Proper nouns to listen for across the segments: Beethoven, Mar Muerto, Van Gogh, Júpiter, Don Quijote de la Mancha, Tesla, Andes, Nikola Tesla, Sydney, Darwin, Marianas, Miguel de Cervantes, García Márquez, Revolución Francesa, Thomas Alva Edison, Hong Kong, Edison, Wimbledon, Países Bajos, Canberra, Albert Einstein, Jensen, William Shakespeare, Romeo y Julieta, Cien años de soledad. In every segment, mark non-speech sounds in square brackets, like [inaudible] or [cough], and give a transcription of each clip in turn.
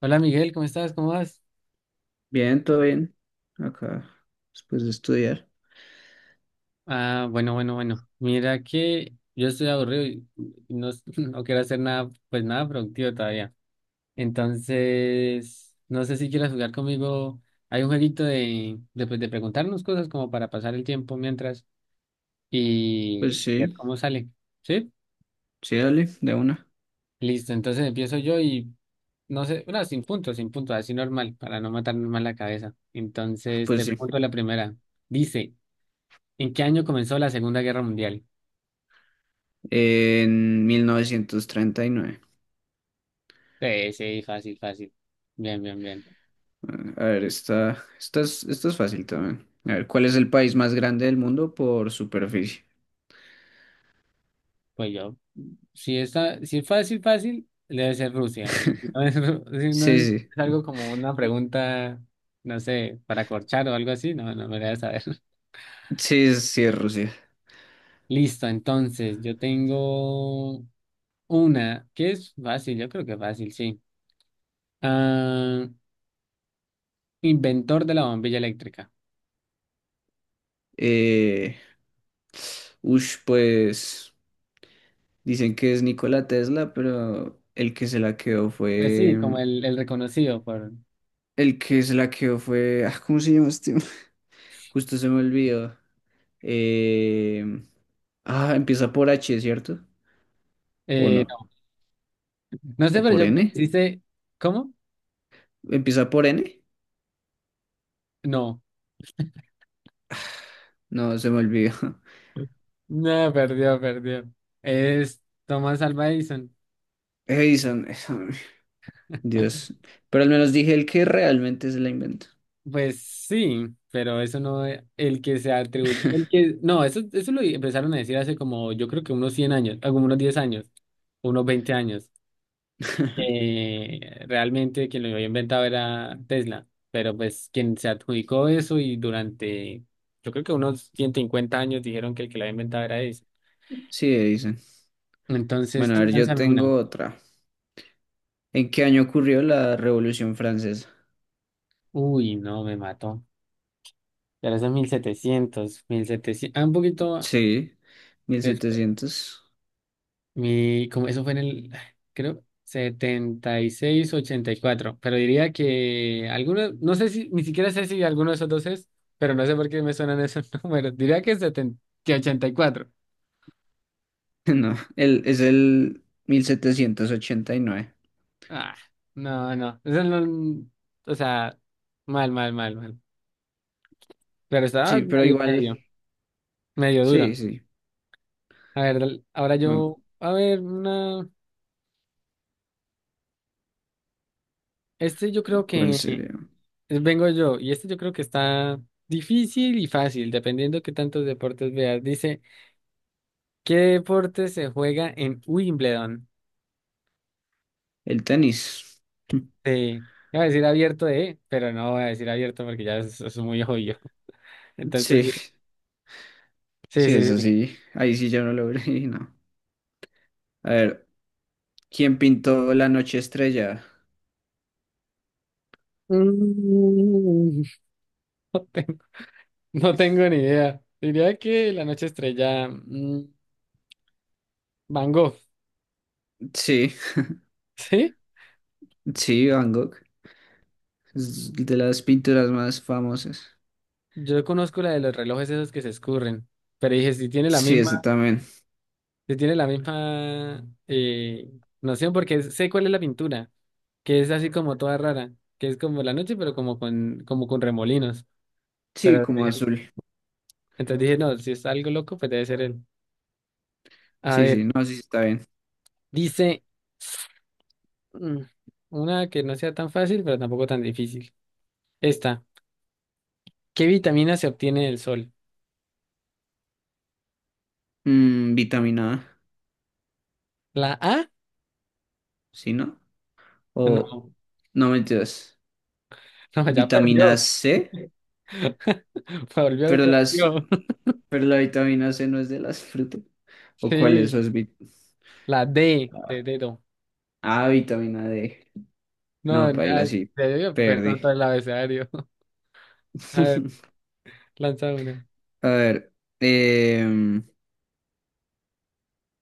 Hola Miguel, ¿cómo estás? ¿Cómo vas? Bien, todo bien. Acá, después de estudiar. Ah, bueno, bueno, bueno. Mira que yo estoy aburrido y no, [laughs] no quiero hacer nada, pues nada productivo todavía. Entonces, no sé si quieres jugar conmigo. Hay un jueguito de, pues, de preguntarnos cosas como para pasar el tiempo mientras Pues y ver sí, cómo sale. ¿Sí? sí, dale, de una. Listo, entonces empiezo yo y no sé, no, sin puntos, sin puntos, así normal, para no matarme mal la cabeza. Ah, Entonces, te pues sí, pregunto la primera. Dice, ¿en qué año comenzó la Segunda Guerra Mundial? en 1939. Sí, sí, fácil, fácil. Bien, bien, bien. A ver, esta es fácil también. A ver, ¿cuál es el país más grande del mundo por superficie? Pues yo, si es fácil, fácil, debe ser Rusia. Y si no es, [laughs] si no Sí, es sí, algo como una pregunta, no sé, para corchar o algo así, no, no me voy a saber. [laughs] sí, sí, es Rusia. Listo, entonces, yo tengo una que es fácil, yo creo que fácil, sí. Ah, inventor de la bombilla eléctrica. Eh, ush, pues dicen que es Nikola Tesla, pero el que se la quedó Pues sí, como fue. el reconocido por... El que se la quedó fue. Ah, ¿cómo se llama este? [laughs] Justo se me olvidó. Eh, ah, empieza por H, ¿cierto? ¿O no? No, no ¿O sé, pero por yo creo que N? sí sé... ¿Cómo? ¿Empieza por N? No. No, se me olvidó. [laughs] No, perdió, perdió. Es Thomas Alva Edison. Edison, Edison, Dios. Pero al menos dije el que realmente se la inventó. Pues sí, pero eso no es el que se atribuye. El que, no, eso lo empezaron a decir hace como, yo creo que unos 100 años, como unos 10 años, unos 20 años. [laughs] Realmente quien lo había inventado era Tesla, pero pues quien se adjudicó eso y durante, yo creo que unos 150 años dijeron que el que lo había inventado era Edison. Sí, Edison. Entonces Bueno, a tú ver, yo lánzame una. tengo otra. ¿En qué año ocurrió la Revolución Francesa? Uy, no, me mató. Ya los mil setecientos, un poquito Sí, Mil después. setecientos. [laughs] Como eso fue en el, creo, 76 84. Pero diría que algunos, no sé si, ni siquiera sé si alguno de esos dos es, pero no sé por qué me suenan esos [laughs] números. Diría que, 70, que 84. No, es el 1789. Ah, no, no. Eso no, o sea, mal, mal, mal, mal. Pero estaba Sí, pero medio, igual, medio, medio sí, duro. sí. A ver, dale, ahora Ah, yo, a ver, una, este yo creo ¿cuál que. sería? Vengo yo, y este yo creo que está difícil y fácil, dependiendo qué tantos deportes veas. Dice, ¿qué deporte se juega en Wimbledon? El tenis. [laughs] Sí, iba a decir abierto de, pero no voy a decir abierto porque ya es muy obvio. [laughs] Entonces, Sí, sí, sí, sí, eso sí. sí. Ahí sí yo no lo [laughs] vi, no. A ver, ¿quién pintó La Noche Estrella? Mm, [laughs] no tengo, no tengo ni idea. Diría que la noche estrella, Van Gogh, Sí, [laughs] ¿sí? sí, Van Gogh. Es de las pinturas más famosas. Yo conozco la de los relojes esos que se escurren, pero dije, si tiene la Sí, ese misma. también. Se tiene la misma noción porque sé cuál es la pintura, que es así como toda rara, que es como la noche, pero como con remolinos. Sí, Pero como dije- azul. entonces dije, no, si es algo loco, pues debe ser él. A Sí, ver, sí, no, sí sí, está bien. dice mm, una que no sea tan fácil, pero tampoco tan difícil. Esta, ¿qué vitamina se obtiene del sol? Vitamina A, ¿La A? ¿sí, no? O, No, no mentiras, [laughs] no, ya perdió. vitamina C, [laughs] Volvió y pero las, perdió. [laughs] pero la vitamina C no es de las frutas. ¿O cuál es? Sí, Eso es la D de dedo. ah, vitamina D. No, No, paila, sí, debió coger perdí. con todo el abecedario. A ver, [laughs] lanza una. A ver, em,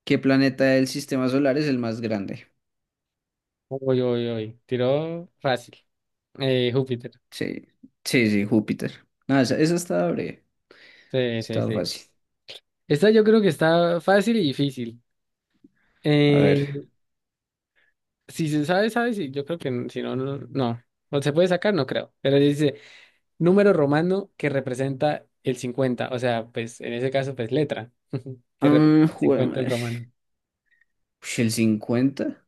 ¿qué planeta del sistema solar es el más grande? Uy, uy, uy. Tiró fácil. Júpiter. Sí, sí, sí, Júpiter. No, esa estaba breve, Sí, sí, estaba sí. fácil. Esta yo creo que está fácil y difícil. A ver, Eh, si se sabe, sabe. Sí, yo creo que si no, no. No. O se puede sacar, no creo. Pero dice número romano que representa el 50. O sea, pues en ese caso, pues letra. [laughs] Que ah, representa el 50 el romano. ush, ¿el 50?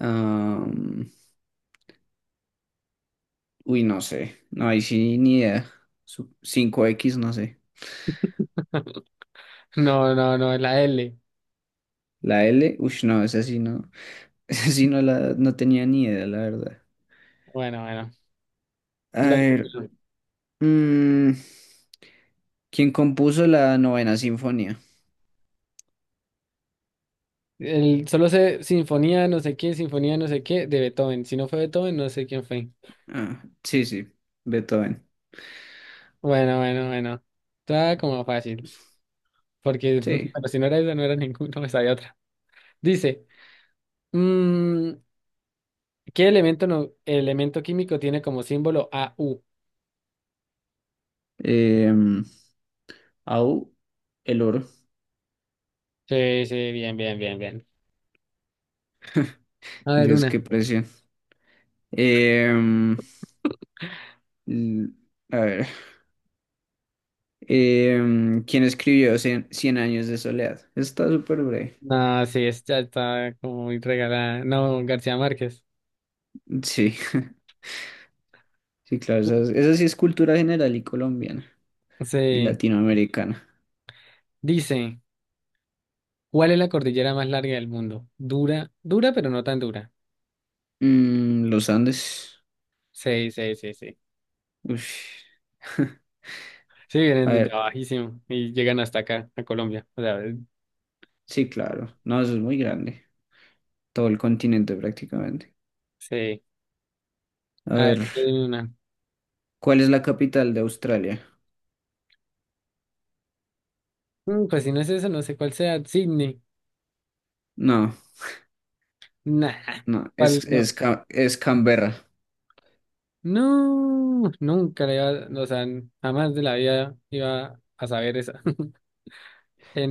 Ah, uy, no sé, no, ahí sí ni idea. 5X, no sé. No, no, no, es la L. La L, uy, no, esa sí no, [laughs] esa sí no, no tenía ni idea, la verdad. Bueno, bueno. A Dale, pues. ver, mm, ¿quién compuso la novena sinfonía? Solo sé sinfonía, no sé qué, sinfonía, no sé qué, de Beethoven. Si no fue Beethoven, no sé quién fue. Ah, sí, sí, Beethoven. Bueno, bueno, bueno. Está como fácil, porque [laughs] Sí. bueno, si no era esa, no era ninguno, esa de otra. Dice, mm, ¿qué elemento, no, elemento químico tiene como símbolo a u? Em, Au, el oro. Sí, sí, bien, bien, bien, bien. A ver, Dios, una. qué precio. Em, l- a ver. ¿Quién escribió Cien años de soledad? Está súper breve. No, sí, esta está como muy regalada. No, García Márquez. Sí, [laughs] sí, claro. Esa sí es cultura general y colombiana y Sí. latinoamericana. Dice, ¿cuál es la cordillera más larga del mundo? Dura, dura, pero no tan dura. Los Andes. Sí, sí, sí, sí. Ush. [laughs] Sí, vienen A ver, desde bajísimo y llegan hasta acá, a Colombia. O sea, sí, claro. No, eso es muy grande. Todo el continente prácticamente. sí. A A ver, ver, tú dime una. ¿cuál es la capital de Australia? Pues si no es eso, no sé cuál sea. Sydney. No. Nah. No, ¿Cuál? es, No. es, Ca- es Canberra. No, nunca le iba, o sea, jamás de la vida iba a saber esa. [laughs]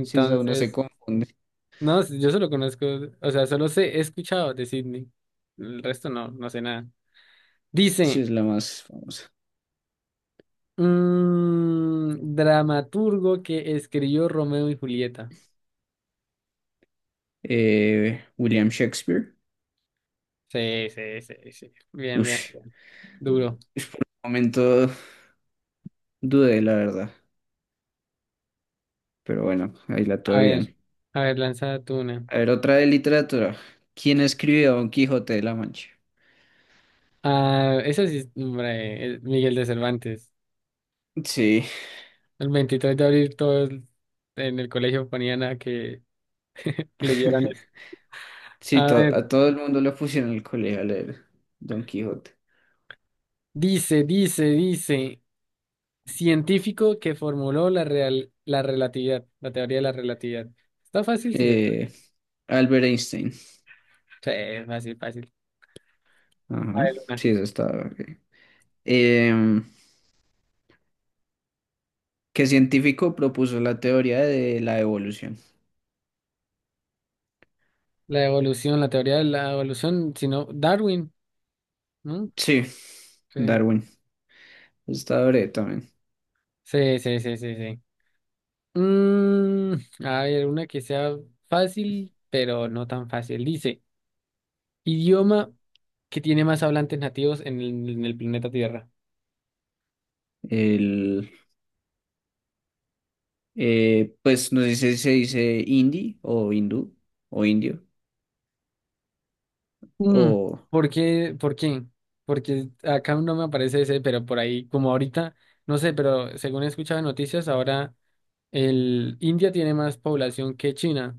Si esa uno se confunde, no, yo solo conozco, o sea, solo sé, he escuchado de Sydney. El resto no, no sé nada. si Dice, es la más famosa. Dramaturgo que escribió Romeo y Julieta. William Shakespeare. Sí, sí, sí, sí. Bien, bien, Ush, bien. Duro. ush, por un momento dudé, la verdad. Pero bueno, ahí la A tuve ver, bien. a ver, lanza tú una. A ver, otra de literatura. ¿Quién escribió Don Quijote de la Mancha? Ah, eso sí, hombre, el Miguel de Cervantes. Sí, El 23 de abril todos en el colegio ponían a que leyeran [laughs] eso. sí, A ver, a todo el mundo le pusieron el colegio a leer Don Quijote. dice, científico que formuló la real, la relatividad, la teoría de la relatividad. Está fácil, sí, Eh, Albert Einstein. sí, es fácil, fácil. A Ajá, ver, una. sí, eso estaba. Ok. Em, ¿Qué científico propuso la teoría de la evolución? La evolución, la teoría de la evolución, sino Darwin, ¿no? Sí, Sí, Darwin. Está breve también. sí, sí, sí, sí. Sí. Mm, a ver, una que sea fácil, pero no tan fácil. Dice. Idioma que tiene más hablantes nativos en el planeta Tierra. El, pues no sé si se dice hindi o hindú o indio Mm, o ¿Por qué? ¿Por qué? Porque acá no me aparece ese, pero por ahí, como ahorita, no sé, pero según he escuchado en noticias, ahora el India tiene más población que China,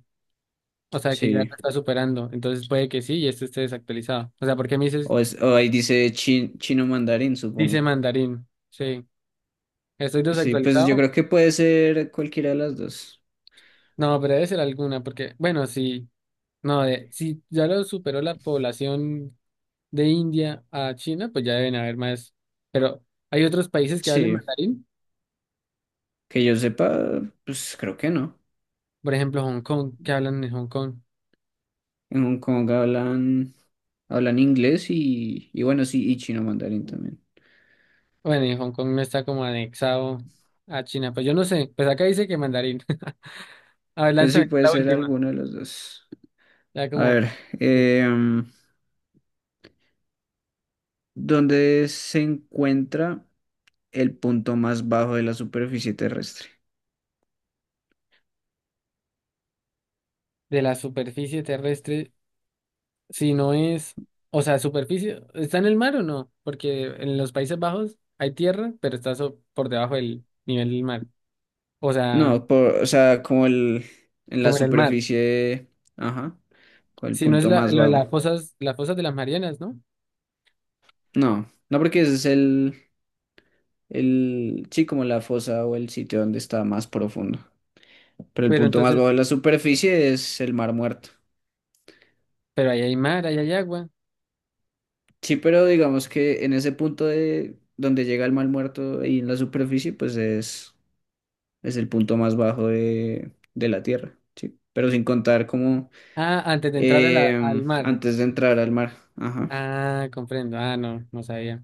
o sea que ya la sí. está superando, entonces puede que sí y este esté desactualizado. O sea, ¿por qué me dices, O ahí dice chino mandarín, dice supongo. mandarín? Sí, ¿estoy Sí, pues yo desactualizado? creo que puede ser cualquiera de las dos. No, pero debe ser alguna, porque, bueno, sí, no, de, si ya lo superó la población de India a China, pues ya deben haber más. Pero hay otros países que hablan Sí, mandarín, que yo sepa, pues creo que no. por ejemplo, Hong Kong, que hablan en Hong Kong. En Hong Kong hablan inglés y bueno, sí, y chino mandarín también. Bueno, y Hong Kong no está como anexado a China, pues yo no sé, pues acá dice que mandarín. [laughs] A ver, Pues sí, lánzame tú puede la ser última. alguno de los dos. Ya A como ver, de, em, ¿dónde se encuentra el punto más bajo de la superficie terrestre? de la superficie terrestre, si no es, o sea, superficie, ¿está en el mar o no? Porque en los Países Bajos hay tierra, pero está por debajo del nivel del mar. O sea, No, o sea, en la como en el mar. superficie, ajá, con el Si no es punto la, más lo de bajo. Las fosas de las Marianas, ¿no? No, no porque ese es el, sí, como la fosa o el sitio donde está más profundo. Pero el Pero punto más bajo entonces, de la superficie es el Mar Muerto. pero ahí hay mar, ahí hay agua. Sí, pero digamos que en ese punto de donde llega el Mar Muerto y en la superficie, pues es. Es el punto más bajo de la Tierra, sí. Pero sin contar como Ah, antes de entrar a al mar. antes de entrar al mar. Ajá. Ah, comprendo. Ah, no, no sabía.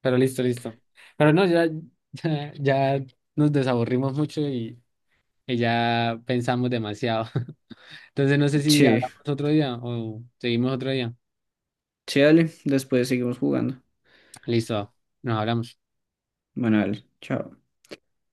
Pero listo, listo. Pero no, ya, [laughs] ya nos desaburrimos mucho y ya pensamos demasiado. [laughs] Entonces no sé si Sí, hablamos otro día o seguimos otro día. sí, dale. Después seguimos jugando. Listo, nos hablamos. Bueno, dale. Chao.